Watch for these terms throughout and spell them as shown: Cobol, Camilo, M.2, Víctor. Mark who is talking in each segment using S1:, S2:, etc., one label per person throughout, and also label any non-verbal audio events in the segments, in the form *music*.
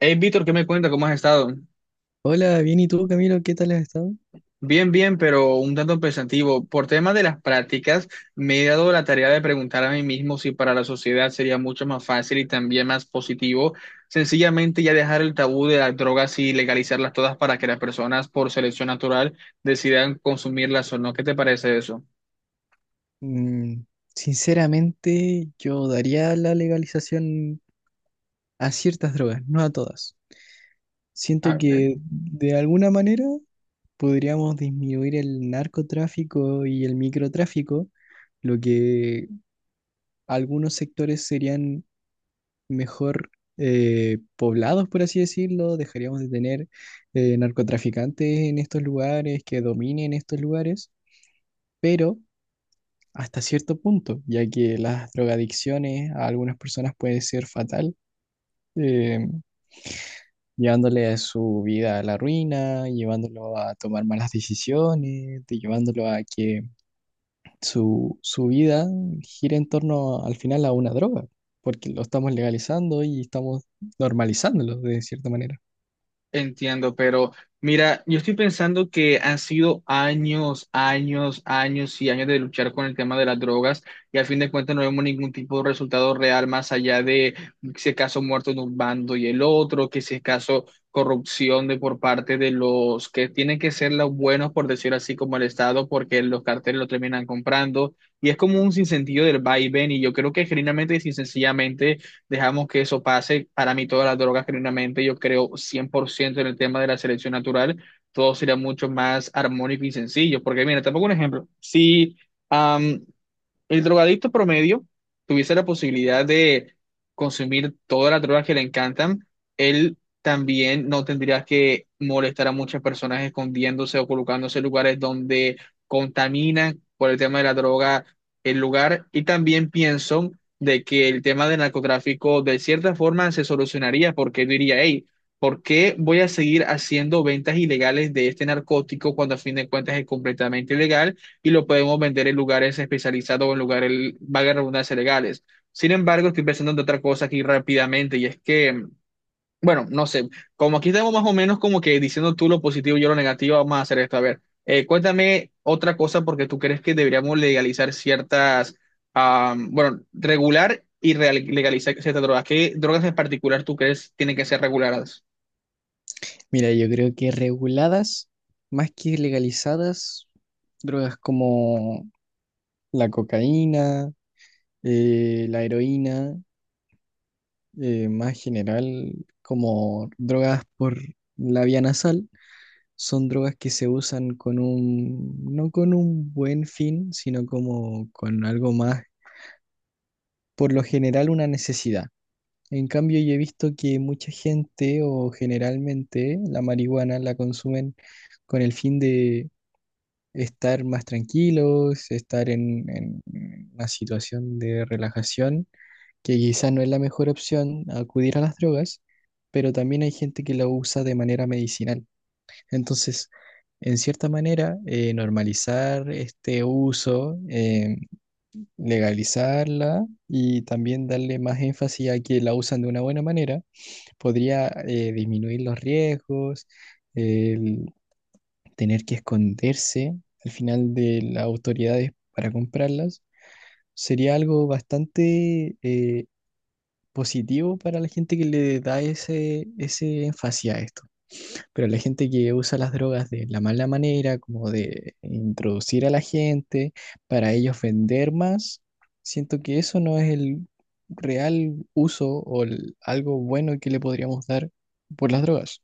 S1: Hey, Víctor, ¿qué me cuenta? ¿Cómo has estado?
S2: Hola, bien, ¿y tú, Camilo? ¿Qué tal has estado?
S1: Bien, bien, pero un tanto pensativo. Por tema de las prácticas, me he dado la tarea de preguntar a mí mismo si para la sociedad sería mucho más fácil y también más positivo sencillamente ya dejar el tabú de las drogas y legalizarlas todas para que las personas por selección natural decidan consumirlas o no. ¿Qué te parece eso?
S2: Mm, sinceramente, yo daría la legalización a ciertas drogas, no a todas. Siento que de alguna manera podríamos disminuir el narcotráfico y el microtráfico, lo que algunos sectores serían mejor, poblados, por así decirlo. Dejaríamos de tener narcotraficantes en estos lugares, que dominen estos lugares, pero hasta cierto punto, ya que las drogadicciones a algunas personas puede ser fatal, eh, llevándole a su vida a la ruina, llevándolo a tomar malas decisiones, llevándolo a que su vida gire en torno al final a una droga, porque lo estamos legalizando y estamos normalizándolo de cierta manera.
S1: Entiendo, pero mira, yo estoy pensando que han sido años, años, años y años de luchar con el tema de las drogas y al fin de cuentas no vemos ningún tipo de resultado real más allá de si acaso muertos de un bando y el otro, que si acaso corrupción de por parte de los que tienen que ser los buenos, por decir así, como el Estado, porque los carteles lo terminan comprando y es como un sinsentido del vaivén y yo creo que genuinamente y sin sencillamente dejamos que eso pase. Para mí, todas las drogas, genuinamente, yo creo 100% en el tema de la selección natural, todo sería mucho más armónico y sencillo. Porque, mira, te pongo un ejemplo. Si, am, el drogadicto promedio tuviese la posibilidad de consumir todas las drogas que le encantan, él también no tendría que molestar a muchas personas escondiéndose o colocándose en lugares donde contaminan por el tema de la droga el lugar. Y también pienso de que el tema del narcotráfico de cierta forma se solucionaría porque él diría, hey, ¿por qué voy a seguir haciendo ventas ilegales de este narcótico cuando a fin de cuentas es completamente ilegal? Y lo podemos vender en lugares especializados o en lugares, valga la redundancia, legales. Sin embargo, estoy pensando en otra cosa aquí rápidamente y es que, bueno, no sé, como aquí estamos más o menos como que diciendo tú lo positivo y yo lo negativo, vamos a hacer esto. A ver, cuéntame otra cosa porque tú crees que deberíamos legalizar ciertas, ah, bueno, regular y legalizar ciertas drogas. ¿Qué drogas en particular tú crees tienen que ser reguladas?
S2: Mira, yo creo que reguladas, más que legalizadas, drogas como la cocaína, la heroína, más general, como drogas por la vía nasal, son drogas que se usan con un, no con un buen fin, sino como con algo más, por lo general una necesidad. En cambio, yo he visto que mucha gente o generalmente la marihuana la consumen con el fin de estar más tranquilos, estar en una situación de relajación, que quizás no es la mejor opción acudir a las drogas, pero también hay gente que la usa de manera medicinal. Entonces, en cierta manera, normalizar este uso, legalizarla y también darle más énfasis a que la usan de una buena manera, podría disminuir los riesgos, el tener que esconderse al final de las autoridades para comprarlas. Sería algo bastante positivo para la gente que le da ese énfasis a esto, pero la gente que usa las drogas de la mala manera, como de introducir a la gente para ellos vender más, siento que eso no es el real uso o algo bueno que le podríamos dar por las drogas.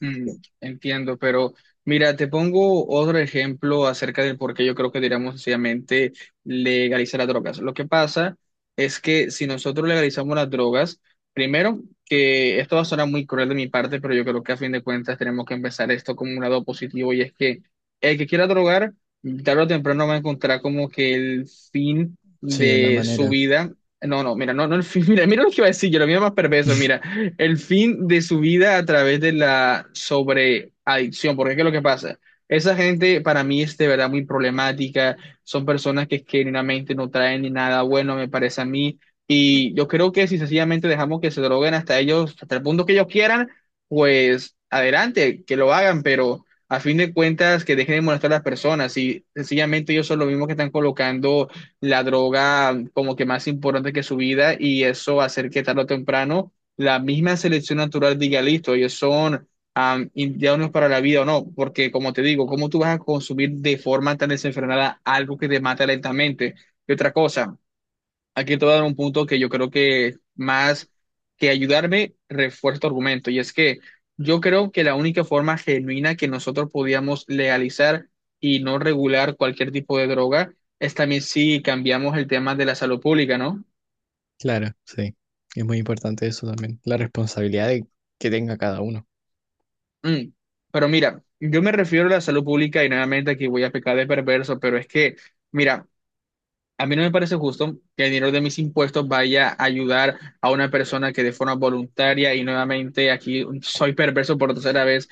S1: Entiendo, pero mira, te pongo otro ejemplo acerca del por qué yo creo que diríamos sencillamente legalizar las drogas. Lo que pasa es que si nosotros legalizamos las drogas, primero, que esto va a sonar muy cruel de mi parte, pero yo creo que a fin de cuentas tenemos que empezar esto como un lado positivo y es que el que quiera drogar, tarde o temprano va a encontrar como que el fin
S2: Sí, es la
S1: de su
S2: manera.
S1: vida. No, no, mira, no, no el fin, *laughs* mira, mira lo que iba a decir, yo lo mío es más perverso, mira
S2: *laughs*
S1: el fin de su vida a través de la sobreadicción, porque ¿qué es lo que pasa? Esa gente para mí es de verdad muy problemática, son personas que genuinamente no traen ni nada bueno, me parece a mí, y yo creo que si sencillamente dejamos que se droguen hasta ellos, hasta el punto que ellos quieran, pues adelante, que lo hagan, pero a fin de cuentas que dejen de molestar a las personas y sencillamente ellos son los mismos que están colocando la droga como que más importante que su vida y eso hacer que tarde o temprano la misma selección natural diga, listo, ellos son indianos para la vida o no, porque como te digo, ¿cómo tú vas a consumir de forma tan desenfrenada algo que te mata lentamente? Y otra cosa, aquí te voy a dar un punto que yo creo que más que ayudarme, refuerza tu argumento, y es que yo creo que la única forma genuina que nosotros podíamos legalizar y no regular cualquier tipo de droga es también si cambiamos el tema de la salud pública, ¿no?
S2: Claro, sí. Es muy importante eso también, la responsabilidad que tenga cada uno.
S1: Mm, pero mira, yo me refiero a la salud pública y nuevamente aquí voy a pecar de perverso, pero es que, mira, a mí no me parece justo que el dinero de mis impuestos vaya a ayudar a una persona que de forma voluntaria y nuevamente aquí soy perverso por tercera vez,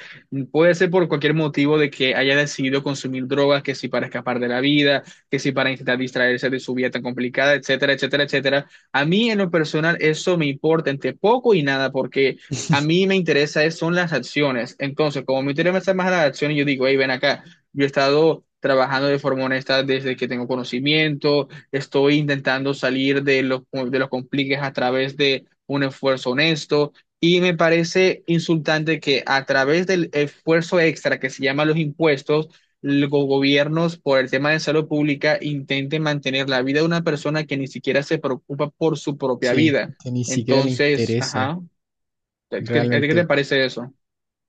S1: puede ser por cualquier motivo de que haya decidido consumir drogas, que si para escapar de la vida, que si para intentar distraerse de su vida tan complicada, etcétera, etcétera, etcétera. A mí en lo personal eso me importa entre poco y nada porque a mí me interesa son las acciones. Entonces, como me interesa más las acciones, yo digo, hey, ven acá, yo he estado trabajando de forma honesta desde que tengo conocimiento, estoy intentando salir de los compliques a través de un esfuerzo honesto y me parece insultante que a través del esfuerzo extra que se llama los impuestos, los gobiernos por el tema de salud pública intenten mantener la vida de una persona que ni siquiera se preocupa por su propia
S2: Sí,
S1: vida.
S2: que ni siquiera le
S1: Entonces,
S2: interesa
S1: ajá, ¿qué a ti qué te
S2: realmente.
S1: parece eso?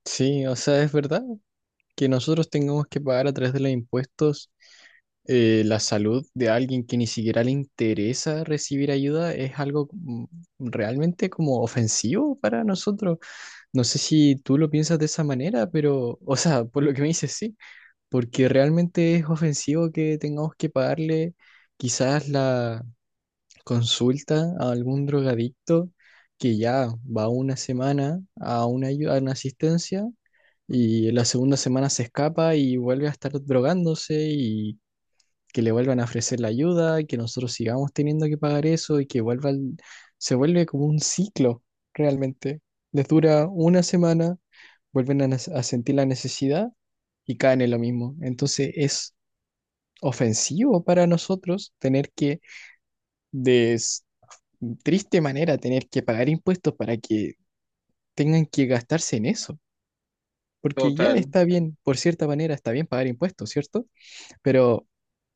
S2: Sí, o sea, es verdad que nosotros tengamos que pagar a través de los impuestos la salud de alguien que ni siquiera le interesa recibir ayuda es algo, realmente como ofensivo para nosotros. No sé si tú lo piensas de esa manera, pero, o sea, por lo que me dices, sí, porque realmente es ofensivo que tengamos que pagarle quizás la consulta a algún drogadicto que ya va una semana a una, a una asistencia, y la segunda semana se escapa y vuelve a estar drogándose y que le vuelvan a ofrecer la ayuda, y que nosotros sigamos teniendo que pagar eso y que vuelva se vuelve como un ciclo realmente. Les dura una semana, vuelven a, a sentir la necesidad y caen en lo mismo. Entonces es ofensivo para nosotros tener que, de triste manera, tener que pagar impuestos para que tengan que gastarse en eso, porque ya
S1: Total.
S2: está bien, por cierta manera está bien pagar impuestos, ¿cierto? Pero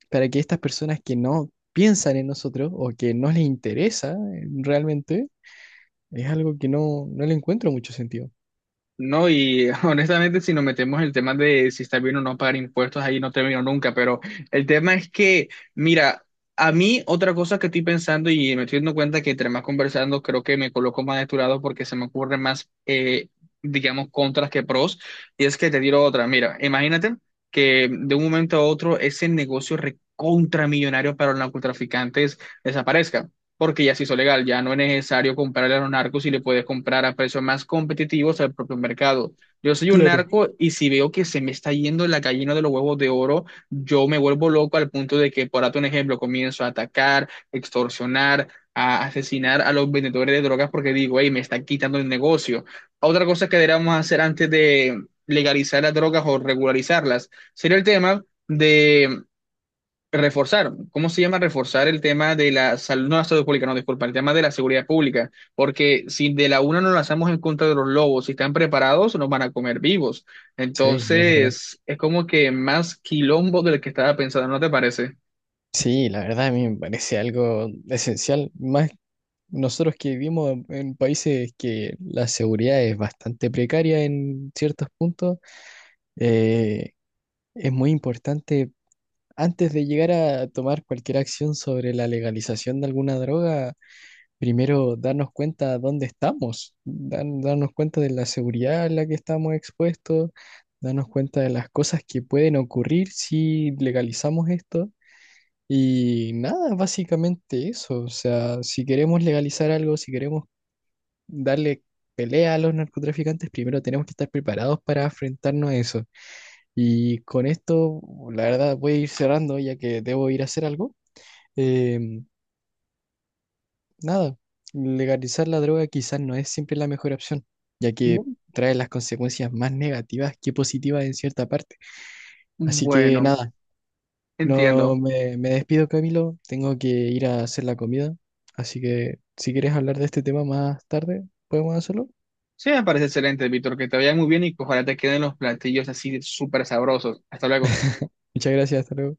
S2: para que estas personas que no piensan en nosotros o que no les interesa, realmente, es algo que no, no le encuentro mucho sentido.
S1: No, y *laughs* honestamente, si nos metemos en el tema de si está bien o no pagar impuestos, ahí no termino nunca, pero el tema es que, mira, a mí otra cosa que estoy pensando y me estoy dando cuenta que entre más conversando, creo que me coloco más de tu lado porque se me ocurren más, digamos, contras que pros, y es que te tiro otra, mira, imagínate que de un momento a otro ese negocio recontramillonario para los narcotraficantes desaparezca porque ya se hizo legal, ya no es necesario comprarle a los narcos y le puedes comprar a precios más competitivos al propio mercado. Yo soy un
S2: Claro.
S1: narco y si veo que se me está yendo la gallina de los huevos de oro, yo me vuelvo loco al punto de que, por darte un ejemplo, comienzo a atacar, extorsionar, a asesinar a los vendedores de drogas porque digo, hey, me está quitando el negocio. Otra cosa que deberíamos hacer antes de legalizar las drogas o regularizarlas sería el tema de reforzar, ¿cómo se llama reforzar el tema de la salud, no la salud pública, no, disculpa, el tema de la seguridad pública? Porque si de la una nos lanzamos en contra de los lobos, si están preparados, nos van a comer vivos.
S2: Sí, es verdad.
S1: Entonces, es como que más quilombo del que estaba pensando, ¿no te parece?
S2: Sí, la verdad a mí me parece algo esencial, más nosotros que vivimos en países que la seguridad es bastante precaria en ciertos puntos, eh, es muy importante, antes de llegar a tomar cualquier acción sobre la legalización de alguna droga, primero darnos cuenta dónde estamos, darnos cuenta de la seguridad a la que estamos expuestos, darnos cuenta de las cosas que pueden ocurrir si legalizamos esto. Y nada, básicamente eso. O sea, si queremos legalizar algo, si queremos darle pelea a los narcotraficantes, primero tenemos que estar preparados para enfrentarnos a eso. Y con esto, la verdad, voy a ir cerrando ya que debo ir a hacer algo. Em, nada, legalizar la droga quizás no es siempre la mejor opción, ya que
S1: Bu-
S2: trae las consecuencias más negativas que positivas en cierta parte. Así que
S1: Bueno,
S2: nada, no
S1: entiendo.
S2: me, me despido, Camilo. Tengo que ir a hacer la comida. Así que si quieres hablar de este tema más tarde, podemos hacerlo.
S1: Sí, me parece excelente, Víctor, que te vaya muy bien y que ojalá te queden los platillos así súper sabrosos. Hasta luego.
S2: Muchas gracias, hasta luego.